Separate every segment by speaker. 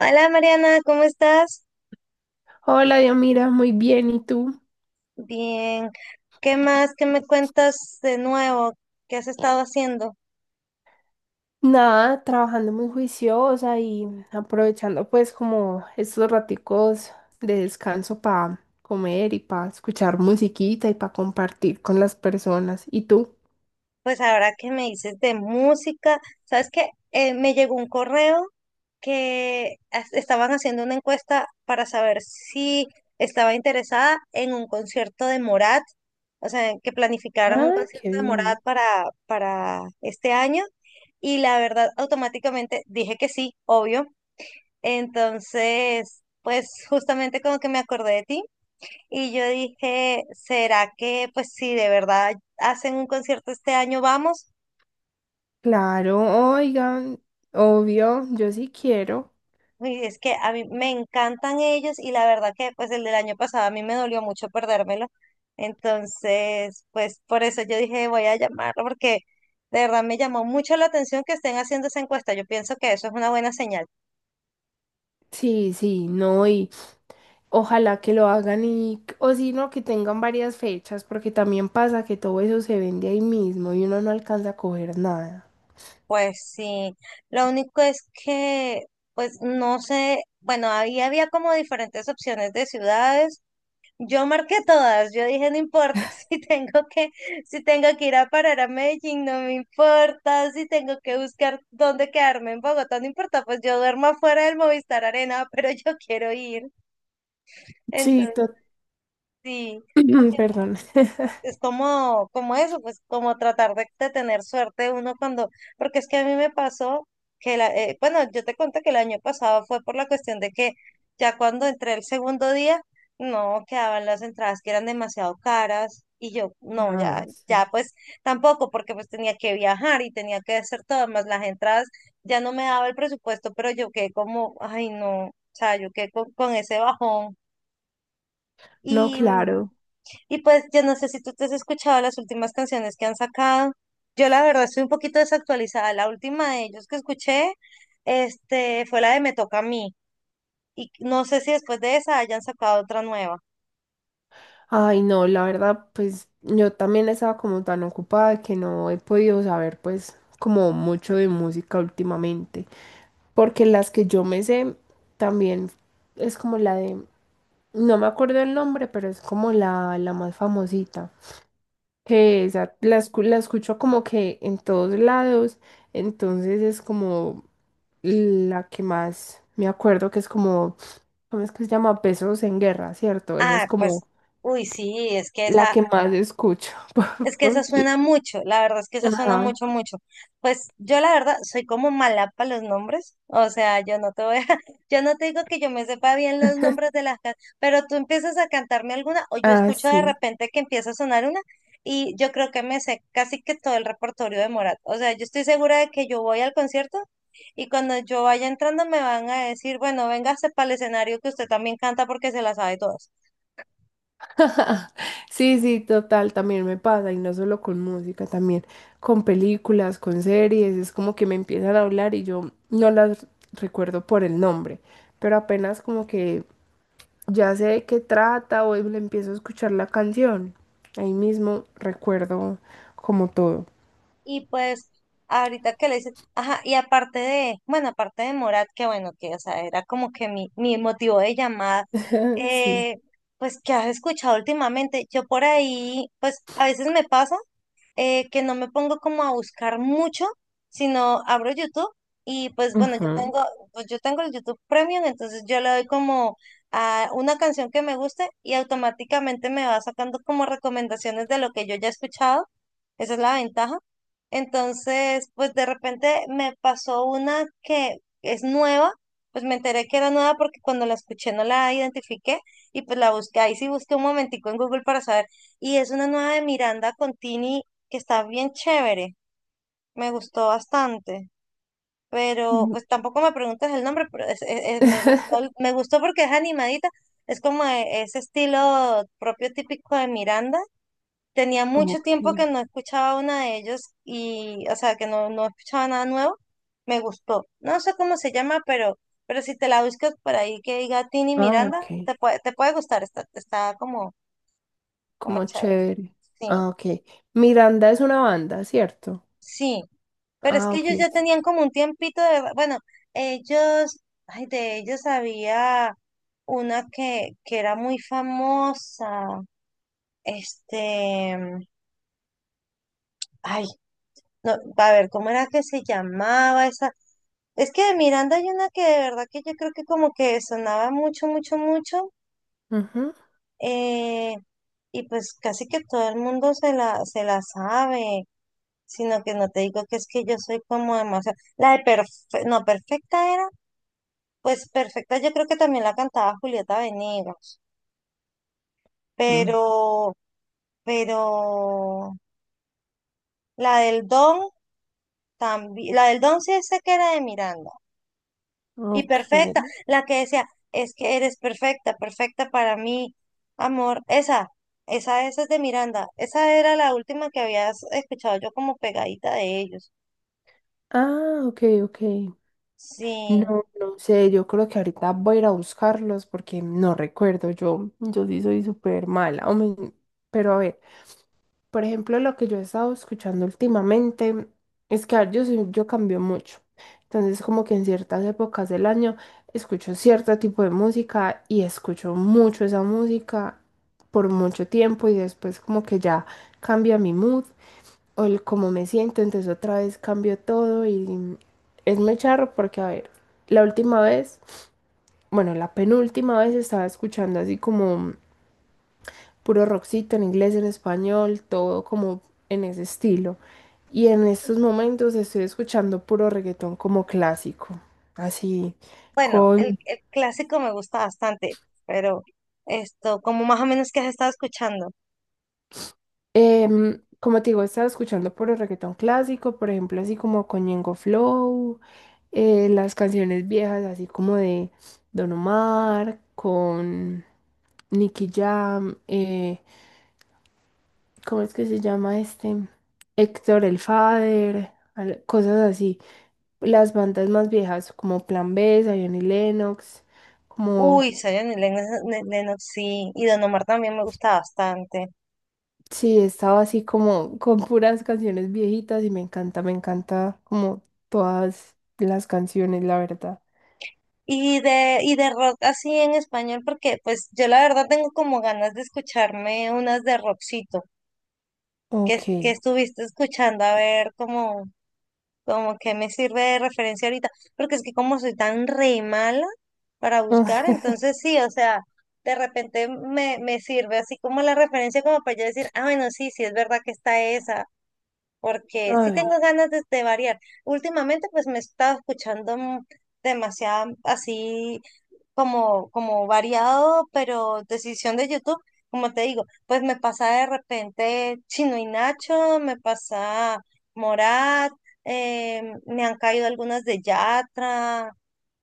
Speaker 1: Hola Mariana, ¿cómo estás?
Speaker 2: Hola, mira, muy bien. ¿Y tú?
Speaker 1: Bien. ¿Qué más? ¿Qué me cuentas de nuevo? ¿Qué has estado haciendo?
Speaker 2: Nada, trabajando muy juiciosa y aprovechando pues como estos raticos de descanso para comer y para escuchar musiquita y para compartir con las personas. ¿Y tú?
Speaker 1: Pues ahora que me dices de música, ¿sabes qué? Me llegó un correo que estaban haciendo una encuesta para saber si estaba interesada en un concierto de Morat, o sea, que planificaran un
Speaker 2: Ay, qué
Speaker 1: concierto de Morat
Speaker 2: bien.
Speaker 1: para este año. Y la verdad, automáticamente dije que sí, obvio. Entonces, pues justamente como que me acordé de ti y yo dije, ¿será que pues si de verdad hacen un concierto este año vamos?
Speaker 2: Claro, oigan, obvio, yo sí quiero.
Speaker 1: Y es que a mí me encantan ellos y la verdad que pues el del año pasado a mí me dolió mucho perdérmelo. Entonces, pues por eso yo dije, voy a llamarlo porque de verdad me llamó mucho la atención que estén haciendo esa encuesta. Yo pienso que eso es una buena señal.
Speaker 2: Sí, sí, no, y ojalá que lo hagan y, o si no, que tengan varias fechas, porque también pasa que todo eso se vende ahí mismo y uno no alcanza a coger nada.
Speaker 1: Pues sí, lo único es que, pues no sé, bueno, había como diferentes opciones de ciudades. Yo marqué todas, yo dije, no importa si tengo que, si tengo que ir a parar a Medellín, no me importa, si tengo que buscar dónde quedarme en Bogotá, no importa, pues yo duermo afuera del Movistar Arena, pero yo quiero ir.
Speaker 2: Sí.
Speaker 1: Entonces, sí.
Speaker 2: Perdón.
Speaker 1: Es como, como eso, pues como tratar de tener suerte uno cuando, porque es que a mí me pasó que, bueno, yo te conté que el año pasado fue por la cuestión de que ya cuando entré el segundo día, no quedaban las entradas que eran demasiado caras y yo, no, ya,
Speaker 2: Ay,
Speaker 1: ya
Speaker 2: sí.
Speaker 1: pues tampoco, porque pues tenía que viajar y tenía que hacer todo, más las entradas ya no me daba el presupuesto, pero yo quedé como, ay no, o sea, yo quedé con ese bajón
Speaker 2: No,
Speaker 1: y...
Speaker 2: claro.
Speaker 1: Y pues yo no sé si tú te has escuchado las últimas canciones que han sacado. Yo la verdad estoy un poquito desactualizada. La última de ellos que escuché, este, fue la de Me Toca a mí. Y no sé si después de esa hayan sacado otra nueva.
Speaker 2: Ay, no, la verdad, pues yo también estaba como tan ocupada que no he podido saber pues como mucho de música últimamente, porque las que yo me sé también es como la de, no me acuerdo el nombre, pero es como la más famosita, que esa la, la escucho como que en todos lados, entonces es como la que más me acuerdo que es como ¿cómo es que se llama? Pesos en guerra, ¿cierto? Esa
Speaker 1: Ah,
Speaker 2: es
Speaker 1: pues,
Speaker 2: como
Speaker 1: uy, sí, es que
Speaker 2: la
Speaker 1: esa,
Speaker 2: que más escucho.
Speaker 1: es que esa
Speaker 2: Porque...
Speaker 1: suena mucho, la verdad es que esa suena
Speaker 2: Ajá.
Speaker 1: mucho, mucho. Pues yo la verdad soy como mala para los nombres, o sea, yo no te voy a, yo no te digo que yo me sepa bien los nombres de las canciones, pero tú empiezas a cantarme alguna o yo
Speaker 2: Ah,
Speaker 1: escucho de
Speaker 2: sí.
Speaker 1: repente que empieza a sonar una y yo creo que me sé casi que todo el repertorio de Morat. O sea, yo estoy segura de que yo voy al concierto y cuando yo vaya entrando me van a decir, bueno, véngase para el escenario que usted también canta porque se la sabe todas.
Speaker 2: Sí, sí, total, también me pasa, y no solo con música, también con películas, con series, es como que me empiezan a hablar y yo no las recuerdo por el nombre, pero apenas como que ya sé de qué trata o le empiezo a escuchar la canción, ahí mismo recuerdo como todo.
Speaker 1: Y pues ahorita que le dices, ajá, y aparte de, bueno, aparte de Morat, que bueno, que o sea, era como que mi motivo de llamada,
Speaker 2: Sí.
Speaker 1: eh, pues que has escuchado últimamente, yo por ahí, pues a veces me pasa que no me pongo como a buscar mucho, sino abro YouTube y pues bueno,
Speaker 2: Ujú.
Speaker 1: pues yo tengo el YouTube Premium, entonces yo le doy como a una canción que me guste y automáticamente me va sacando como recomendaciones de lo que yo ya he escuchado, esa es la ventaja. Entonces, pues de repente me pasó una que es nueva, pues me enteré que era nueva porque cuando la escuché no la identifiqué y pues la busqué, ahí sí busqué un momentico en Google para saber. Y es una nueva de Miranda Contini que está bien chévere, me gustó bastante. Pero pues tampoco me preguntas el nombre, pero me gustó, me gustó porque es animadita, es como ese estilo propio típico de Miranda. Tenía mucho
Speaker 2: Ok.
Speaker 1: tiempo que no escuchaba una de ellos y, o sea, que no, no escuchaba nada nuevo. Me gustó. No sé cómo se llama, pero si te la buscas por ahí que diga Tini
Speaker 2: Ah,
Speaker 1: Miranda,
Speaker 2: ok.
Speaker 1: te puede gustar. Está como, como
Speaker 2: Como
Speaker 1: chévere.
Speaker 2: chévere.
Speaker 1: Sí,
Speaker 2: Ah, ok. Miranda es una banda, ¿cierto?
Speaker 1: sí. Pero es
Speaker 2: Ah,
Speaker 1: que
Speaker 2: ok.
Speaker 1: ellos ya tenían como un tiempito de, bueno, ellos, ay, de ellos había una que era muy famosa. Este, ay, no, a ver, ¿cómo era que se llamaba esa? Es que de Miranda hay una que de verdad que yo creo que como que sonaba mucho, mucho, mucho,
Speaker 2: Ujú.
Speaker 1: eh, y pues casi que todo el mundo se la sabe, sino que no te digo que es que yo soy como demasiado, la de perfe no, perfecta era, pues perfecta yo creo que también la cantaba Julieta Venegas,
Speaker 2: Mm.
Speaker 1: pero, pero la del Don también, la del Don sí sé que era de Miranda. Y
Speaker 2: Ok.
Speaker 1: perfecta, la que decía, es que eres perfecta, perfecta para mí, amor. Esa es de Miranda. Esa era la última que habías escuchado yo como pegadita de ellos.
Speaker 2: Ah, ok, ok.
Speaker 1: Sí.
Speaker 2: No, no sé, yo creo que ahorita voy a ir a buscarlos porque no recuerdo, yo sí soy súper mala, pero a ver. Por ejemplo, lo que yo he estado escuchando últimamente es que a ver, yo, yo cambio mucho. Entonces, como que en ciertas épocas del año escucho cierto tipo de música y escucho mucho esa música por mucho tiempo y después como que ya cambia mi mood o el cómo me siento, entonces otra vez cambio todo y es muy charro porque, a ver, la última vez, bueno, la penúltima vez estaba escuchando así como puro rockcito en inglés, en español, todo como en ese estilo. Y en estos momentos estoy escuchando puro reggaetón como clásico, así
Speaker 1: Bueno, el,
Speaker 2: con,
Speaker 1: el clásico me gusta bastante, pero esto, como más o menos que has estado escuchando.
Speaker 2: como te digo, estaba escuchando puro reggaetón clásico, por ejemplo, así como con Ñengo Flow, las canciones viejas, así como de Don Omar, con Nicky Jam, ¿cómo es que se llama este? Héctor el Father, cosas así. Las bandas más viejas, como Plan B, Zion y Lennox, como,
Speaker 1: Uy, Zion y Lennox, Lennox, sí. Y Don Omar también me gusta bastante.
Speaker 2: sí, estaba así como con puras canciones viejitas y me encanta como todas las canciones, la verdad.
Speaker 1: Y y de rock así en español, porque pues yo la verdad tengo como ganas de escucharme unas de rockcito. Que,
Speaker 2: Ok.
Speaker 1: que estuviste escuchando, a ver cómo, como que me sirve de referencia ahorita, porque es que como soy tan re mala para buscar, entonces sí, o sea, de repente me sirve así como la referencia como para yo decir, ah, bueno, sí, sí, es verdad que está esa, porque
Speaker 2: A
Speaker 1: sí
Speaker 2: ver.
Speaker 1: tengo ganas de variar. Últimamente pues me he estado escuchando demasiado así como, como variado, pero decisión de YouTube, como te digo, pues me pasa de repente Chino y Nacho, me pasa Morat, me han caído algunas de Yatra,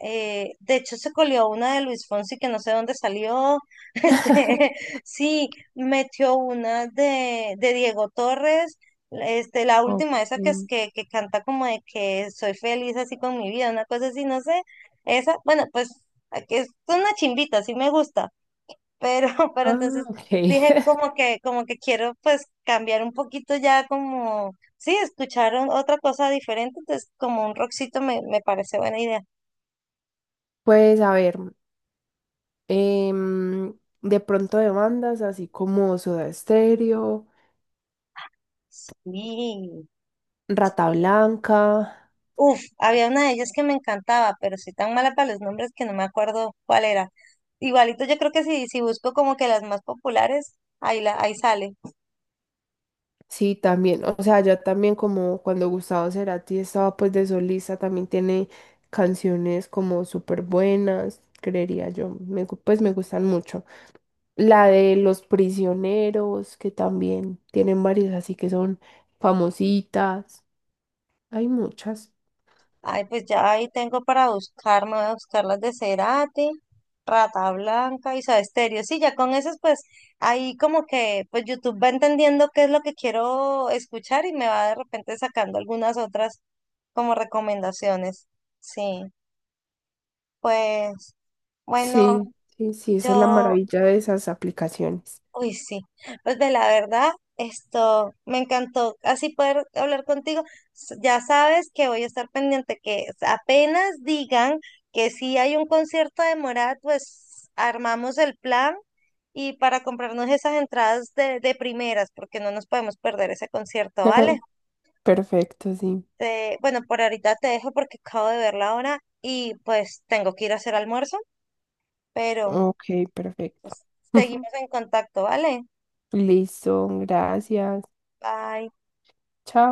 Speaker 1: de hecho se colió una de Luis Fonsi que no sé dónde salió, este, sí, metió una de Diego Torres. Este, la
Speaker 2: Ok.
Speaker 1: última, esa que canta como de que soy feliz así con mi vida, una cosa así, no sé. Esa, bueno, pues a que es una chimbita, sí me gusta, pero, pero
Speaker 2: Ah,
Speaker 1: entonces
Speaker 2: ok.
Speaker 1: dije como que quiero pues cambiar un poquito ya como, sí, escuchar otra cosa diferente, entonces como un rockcito me parece buena idea.
Speaker 2: Pues a ver, em, de pronto de bandas así como Soda Stereo,
Speaker 1: Sí, sí.
Speaker 2: Rata Blanca.
Speaker 1: Uf, había una de ellas que me encantaba, pero soy tan mala para los nombres que no me acuerdo cuál era. Igualito yo creo que si busco como que las más populares, ahí sale.
Speaker 2: Sí, también, o sea, ya también como cuando Gustavo Cerati estaba pues de solista, también tiene canciones como súper buenas, creería yo, pues me gustan mucho. La de Los Prisioneros, que también tienen varias así que son famositas, hay muchas.
Speaker 1: Ay, pues ya ahí tengo para buscar, me voy a buscar las de Cerati, Rata Blanca y Soda Stereo. Sí, ya con esas, pues ahí como que pues YouTube va entendiendo qué es lo que quiero escuchar y me va de repente sacando algunas otras como recomendaciones. Sí, pues bueno,
Speaker 2: Sí, sí, sí, esa es la
Speaker 1: yo
Speaker 2: maravilla de esas aplicaciones.
Speaker 1: uy, sí. Pues de la verdad, esto me encantó así poder hablar contigo. Ya sabes que voy a estar pendiente que apenas digan que si hay un concierto de Morat, pues armamos el plan y para comprarnos esas entradas de primeras, porque no nos podemos perder ese concierto, ¿vale?
Speaker 2: Perfecto, sí.
Speaker 1: Bueno, por ahorita te dejo porque acabo de ver la hora y pues tengo que ir a hacer almuerzo, pero
Speaker 2: Ok, perfecto.
Speaker 1: seguimos en contacto, ¿vale?
Speaker 2: Listo, gracias.
Speaker 1: Bye.
Speaker 2: Chao.